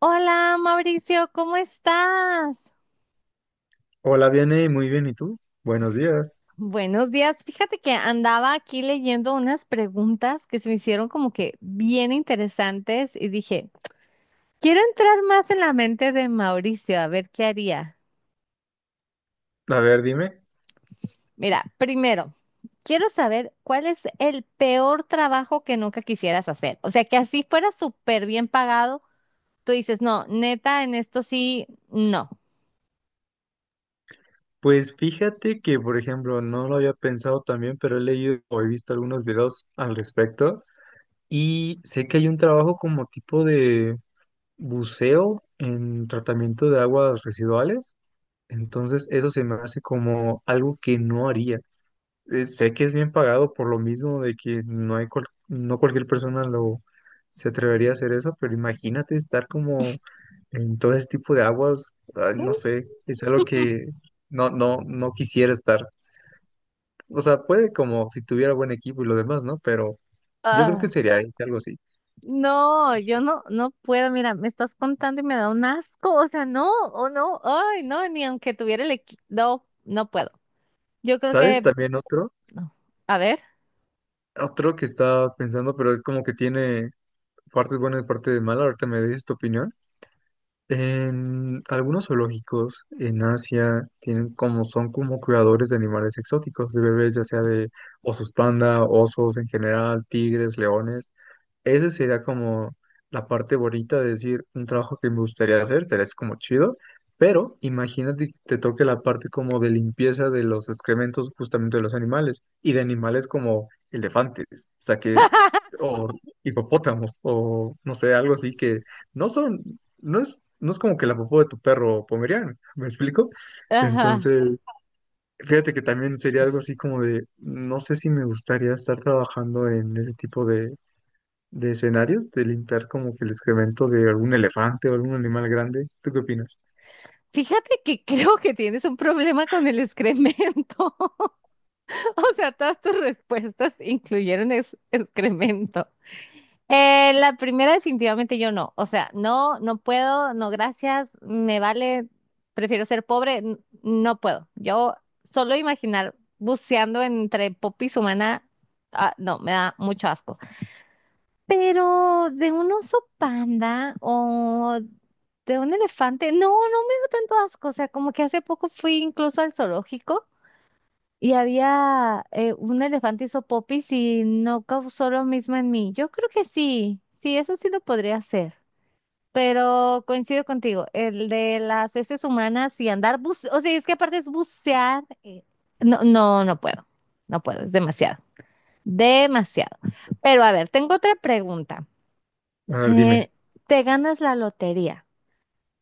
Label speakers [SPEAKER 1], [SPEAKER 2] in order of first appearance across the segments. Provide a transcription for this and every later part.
[SPEAKER 1] Hola, Mauricio, ¿cómo estás?
[SPEAKER 2] Hola, Vianey, muy bien, ¿y tú? Buenos días.
[SPEAKER 1] Buenos días. Fíjate que andaba aquí leyendo unas preguntas que se me hicieron como que bien interesantes y dije, quiero entrar más en la mente de Mauricio, a ver qué haría.
[SPEAKER 2] A ver, dime.
[SPEAKER 1] Mira, primero, quiero saber cuál es el peor trabajo que nunca quisieras hacer. O sea, que así fuera súper bien pagado, tú dices, no, neta, en esto sí, no.
[SPEAKER 2] Pues fíjate que, por ejemplo, no lo había pensado también, pero he leído o he visto algunos videos al respecto y sé que hay un trabajo como tipo de buceo en tratamiento de aguas residuales. Entonces, eso se me hace como algo que no haría. Sé que es bien pagado por lo mismo de que no hay no cualquier persona lo se atrevería a hacer eso, pero imagínate estar como en todo ese tipo de aguas, ay, no sé, es algo que no, no, no quisiera estar. O sea, puede como si tuviera buen equipo y lo demás, ¿no? Pero yo creo que
[SPEAKER 1] Ah,
[SPEAKER 2] sería ese, algo así,
[SPEAKER 1] no,
[SPEAKER 2] no
[SPEAKER 1] yo
[SPEAKER 2] sé.
[SPEAKER 1] no, no puedo, mira, me estás contando y me da un asco, o sea, no, o no, ay, no, ni aunque tuviera el equipo, no, no puedo. Yo creo
[SPEAKER 2] ¿Sabes?
[SPEAKER 1] que
[SPEAKER 2] También otro,
[SPEAKER 1] no. A ver,
[SPEAKER 2] otro que estaba pensando, pero es como que tiene partes buenas y partes malas. Ahorita me dices tu opinión. En algunos zoológicos en Asia tienen como son como cuidadores de animales exóticos, de bebés, ya sea de osos panda, osos en general, tigres, leones. Ese sería como la parte bonita de decir un trabajo que me gustaría hacer, sería así como chido, pero imagínate que te toque la parte como de limpieza de los excrementos justamente de los animales y de animales como elefantes, o sea que, o hipopótamos, o no sé, algo así que no son no es, no es como que la popó de tu perro pomeriano, ¿me explico?
[SPEAKER 1] ajá.
[SPEAKER 2] Entonces, fíjate que también sería algo así como de, no sé si me gustaría estar trabajando en ese tipo de escenarios, de limpiar como que el excremento de algún elefante o algún animal grande. ¿Tú qué opinas?
[SPEAKER 1] Fíjate que creo que tienes un problema con el excremento. O sea, todas tus respuestas incluyeron excremento. La primera definitivamente yo no. O sea, no, no puedo, no gracias, me vale, prefiero ser pobre, no puedo. Yo solo imaginar buceando entre popis humana, ah, no, me da mucho asco. Pero de un oso panda o de un elefante, no, no me da tanto asco. O sea, como que hace poco fui incluso al zoológico. Y había un elefante hizo popis y no causó lo mismo en mí. Yo creo que sí, sí, eso sí lo podría hacer. Pero coincido contigo, el de las heces humanas y andar o sea, es que aparte es bucear. No, no, no puedo, no puedo, es demasiado, demasiado. Pero a ver, tengo otra pregunta.
[SPEAKER 2] A ver, dime.
[SPEAKER 1] Eh, ¿Te ganas la lotería?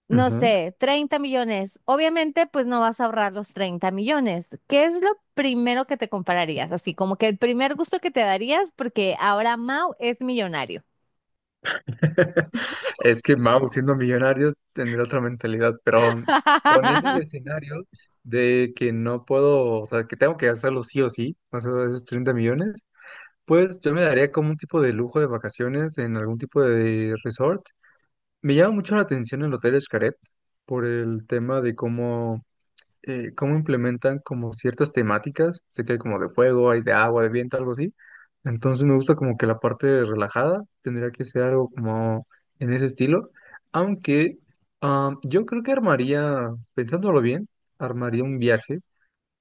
[SPEAKER 1] No
[SPEAKER 2] Ujú.
[SPEAKER 1] sé, 30 millones. Obviamente, pues no vas a ahorrar los 30 millones. ¿Qué es lo primero que te compararías? Así como que el primer gusto que te darías porque ahora Mau es millonario.
[SPEAKER 2] Es que, vamos, siendo millonarios, tener otra mentalidad, pero poniendo el escenario de que no puedo, o sea, que tengo que hacerlo sí o sí, o sea, esos 30 millones, pues yo me daría como un tipo de lujo de vacaciones en algún tipo de resort. Me llama mucho la atención el Hotel Xcaret por el tema de cómo, cómo implementan como ciertas temáticas. Sé que hay como de fuego, hay de agua, de viento, algo así. Entonces me gusta como que la parte relajada tendría que ser algo como en ese estilo. Aunque ah, yo creo que armaría, pensándolo bien, armaría un viaje,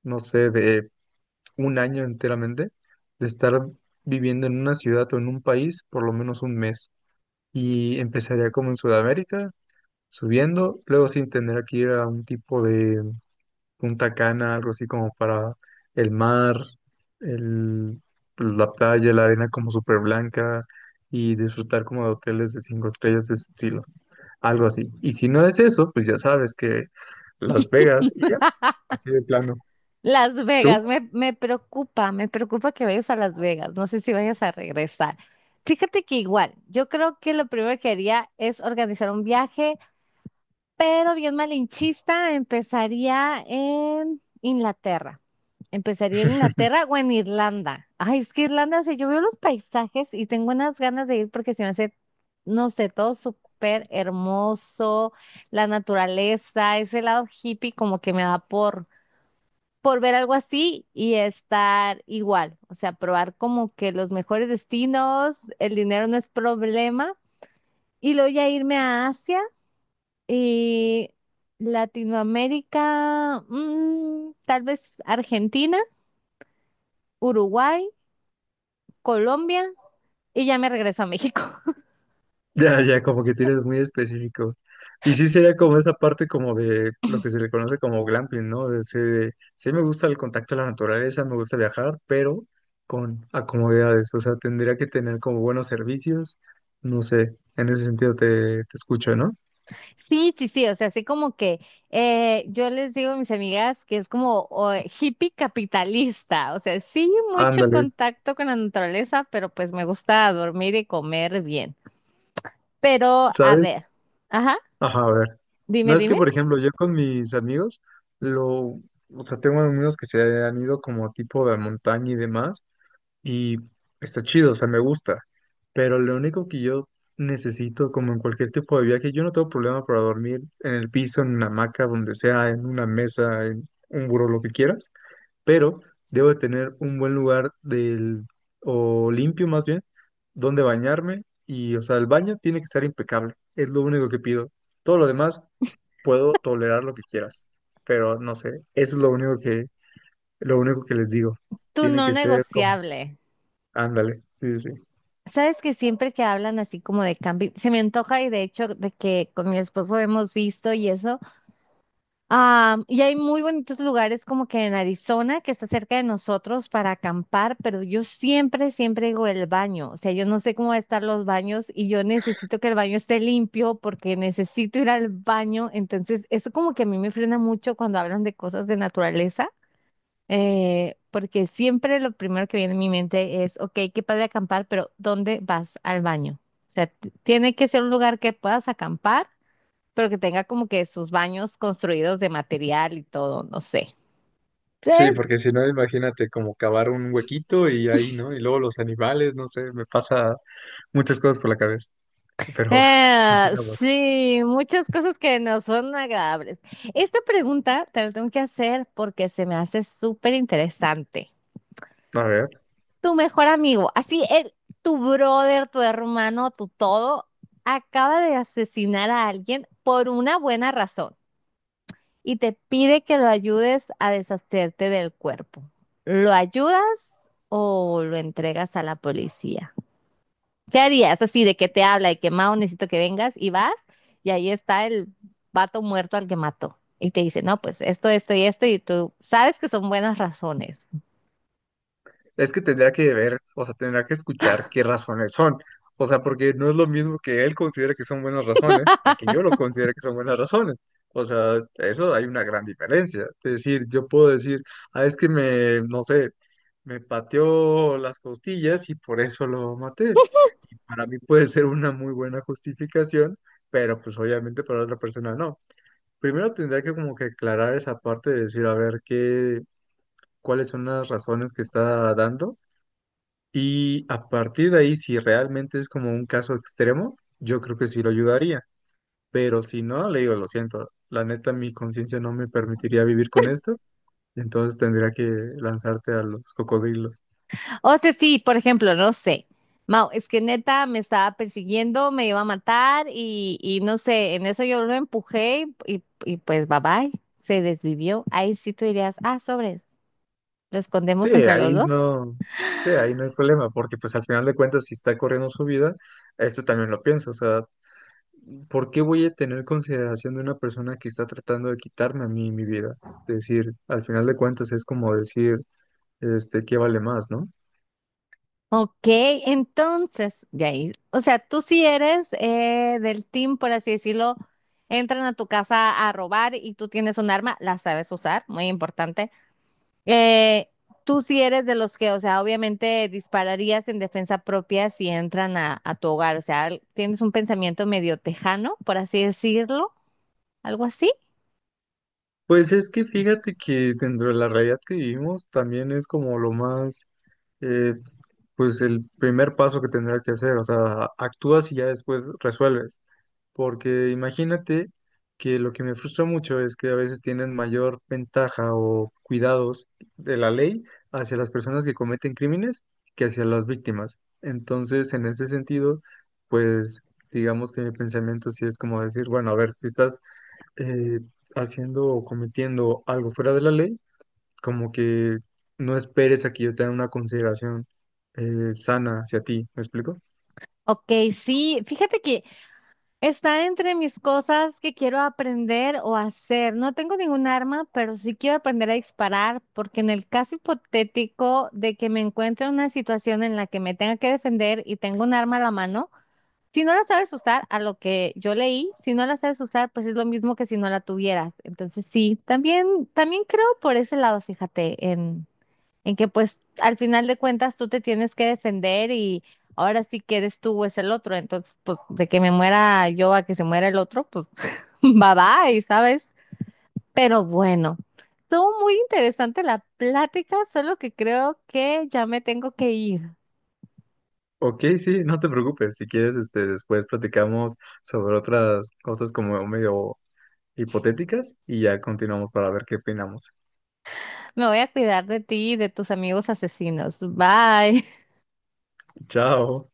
[SPEAKER 2] no sé, de un año enteramente de estar viviendo en una ciudad o en un país por lo menos un mes. Y empezaría como en Sudamérica, subiendo, luego sin tener que ir a un tipo de Punta Cana, algo así como para el mar, el, pues, la playa, la arena como súper blanca y disfrutar como de hoteles de cinco estrellas de ese estilo, algo así. Y si no es eso, pues ya sabes que Las Vegas y ya, así de plano.
[SPEAKER 1] Las
[SPEAKER 2] ¿Tú?
[SPEAKER 1] Vegas, me, me preocupa que vayas a Las Vegas. No sé si vayas a regresar. Fíjate que igual, yo creo que lo primero que haría es organizar un viaje pero bien malinchista, empezaría en Inglaterra. Empezaría en Inglaterra o en Irlanda. Ay, es que Irlanda, o sea, yo veo los paisajes y tengo unas ganas de ir porque se me hace, no sé, todo súper hermoso, la naturaleza, ese lado hippie como que me da por ver algo así y estar igual. O sea, probar como que los mejores destinos, el dinero no es problema. Y luego ya irme a Asia y Latinoamérica, mm, tal vez Argentina, Uruguay, Colombia y ya me regreso a México.
[SPEAKER 2] Ya, ya, como que tienes muy específico. Y sí sería como esa parte como de lo que se le conoce como glamping, ¿no? Sí me gusta el contacto a la naturaleza, me gusta viajar, pero con acomodidades. O sea, tendría que tener como buenos servicios. No sé, en ese sentido te escucho, ¿no?
[SPEAKER 1] Sí, sí, sí, o sea, así como que yo les digo a mis amigas que es como o, hippie capitalista, o sea, sí, mucho
[SPEAKER 2] Ándale,
[SPEAKER 1] contacto con la naturaleza, pero pues me gusta dormir y comer bien. Pero, a ver,
[SPEAKER 2] ¿sabes?
[SPEAKER 1] ajá,
[SPEAKER 2] Ajá, a ver. No
[SPEAKER 1] dime,
[SPEAKER 2] es que,
[SPEAKER 1] dime,
[SPEAKER 2] por ejemplo, yo con mis amigos, lo, o sea, tengo amigos que se han ido como tipo de montaña y demás, y está chido, o sea, me gusta. Pero lo único que yo necesito, como en cualquier tipo de viaje, yo no tengo problema para dormir en el piso, en una hamaca, donde sea, en una mesa, en un buró, lo que quieras, pero debo de tener un buen lugar del, o limpio más bien, donde bañarme y, o sea, el baño tiene que estar impecable, es lo único que pido. Todo lo demás puedo tolerar lo que quieras, pero no sé, eso es lo único que les digo.
[SPEAKER 1] tu
[SPEAKER 2] Tiene
[SPEAKER 1] no
[SPEAKER 2] que ser como,
[SPEAKER 1] negociable.
[SPEAKER 2] ándale, sí, sí, sí.
[SPEAKER 1] Sabes que siempre que hablan así como de cambio, se me antoja y de hecho de que con mi esposo hemos visto y eso. Y hay muy bonitos lugares como que en Arizona, que está cerca de nosotros para acampar, pero yo siempre, siempre digo el baño. O sea, yo no sé cómo van a estar los baños y yo necesito que el baño esté limpio porque necesito ir al baño. Entonces, eso como que a mí me frena mucho cuando hablan de cosas de naturaleza. Porque siempre lo primero que viene a mi mente es, ok, qué padre acampar, pero ¿dónde vas al baño? O sea, tiene que ser un lugar que puedas acampar, pero que tenga como que sus baños construidos de material y todo, no sé.
[SPEAKER 2] Sí,
[SPEAKER 1] Entonces,
[SPEAKER 2] porque si no, imagínate como cavar un huequito y ahí, ¿no? Y luego los animales, no sé, me pasa muchas cosas por la cabeza. Pero
[SPEAKER 1] eh,
[SPEAKER 2] continuamos.
[SPEAKER 1] sí, muchas cosas que no son agradables. Esta pregunta te la tengo que hacer porque se me hace súper interesante.
[SPEAKER 2] A ver.
[SPEAKER 1] Tu mejor amigo, así el, tu brother, tu hermano, tu todo, acaba de asesinar a alguien por una buena razón y te pide que lo ayudes a deshacerte del cuerpo. ¿Lo ayudas o lo entregas a la policía? ¿Qué harías? Así de que te habla y que Mao necesito que vengas y vas y ahí está el vato muerto al que mató. Y te dice, no, pues esto y esto, y tú sabes que son buenas razones.
[SPEAKER 2] Es que tendría que ver, o sea, tendría que escuchar qué razones son. O sea, porque no es lo mismo que él considere que son buenas razones a que yo lo considere que son buenas razones. O sea, eso hay una gran diferencia. Es decir, yo puedo decir, ah, es que me, no sé, me pateó las costillas y por eso lo maté. Y para mí puede ser una muy buena justificación, pero pues obviamente para otra persona no. Primero tendría que como que aclarar esa parte de decir, a ver, qué, cuáles son las razones que está dando y a partir de ahí, si realmente es como un caso extremo, yo creo que sí lo ayudaría. Pero si no, le digo, lo siento, la neta, mi conciencia no me permitiría vivir con esto, entonces tendría que lanzarte a los cocodrilos.
[SPEAKER 1] O sea, sí, por ejemplo, no sé. Mau, es que neta me estaba persiguiendo, me iba a matar y no sé, en eso yo lo empujé y pues bye bye, se desvivió. Ahí sí tú dirías, ah, sobres, lo
[SPEAKER 2] Sí,
[SPEAKER 1] escondemos entre los
[SPEAKER 2] ahí
[SPEAKER 1] dos.
[SPEAKER 2] no, sí, ahí no hay problema, porque pues al final de cuentas, si está corriendo su vida, esto también lo pienso, o sea, ¿por qué voy a tener consideración de una persona que está tratando de quitarme a mí mi vida? Es decir, al final de cuentas es como decir, este, ¿qué vale más, no?
[SPEAKER 1] Ok, entonces, de ahí, o sea, tú sí eres del team, por así decirlo, entran a tu casa a robar y tú tienes un arma, la sabes usar, muy importante. Eh, Tú sí eres de los que, o sea, obviamente dispararías en defensa propia si entran a tu hogar, o sea, tienes un pensamiento medio tejano, por así decirlo, algo así.
[SPEAKER 2] Pues es que fíjate que dentro de la realidad que vivimos también es como lo más, eh, pues el primer paso que tendrás que hacer, o sea, actúas y ya después resuelves, porque imagínate que lo que me frustra mucho es que a veces tienen mayor ventaja o cuidados de la ley hacia las personas que cometen crímenes que hacia las víctimas. Entonces, en ese sentido, pues digamos que mi pensamiento sí es como decir, bueno, a ver, si estás eh, haciendo o cometiendo algo fuera de la ley, como que no esperes a que yo tenga una consideración, sana hacia ti, ¿me explico?
[SPEAKER 1] Ok, sí, fíjate que está entre mis cosas que quiero aprender o hacer. No tengo ningún arma, pero sí quiero aprender a disparar, porque en el caso hipotético de que me encuentre en una situación en la que me tenga que defender y tengo un arma a la mano, si no la sabes usar, a lo que yo leí, si no la sabes usar, pues es lo mismo que si no la tuvieras. Entonces sí, también, también creo por ese lado, fíjate, en que pues al final de cuentas tú te tienes que defender y ahora sí que eres tú o es el otro. Entonces, pues de que me muera yo a que se muera el otro, pues bye bye, ¿sabes? Pero bueno, estuvo muy interesante la plática, solo que creo que ya me tengo que ir.
[SPEAKER 2] Ok, sí, no te preocupes, si quieres, este, después platicamos sobre otras cosas como medio hipotéticas y ya continuamos para ver qué opinamos.
[SPEAKER 1] Me voy a cuidar de ti y de tus amigos asesinos. Bye.
[SPEAKER 2] Chao.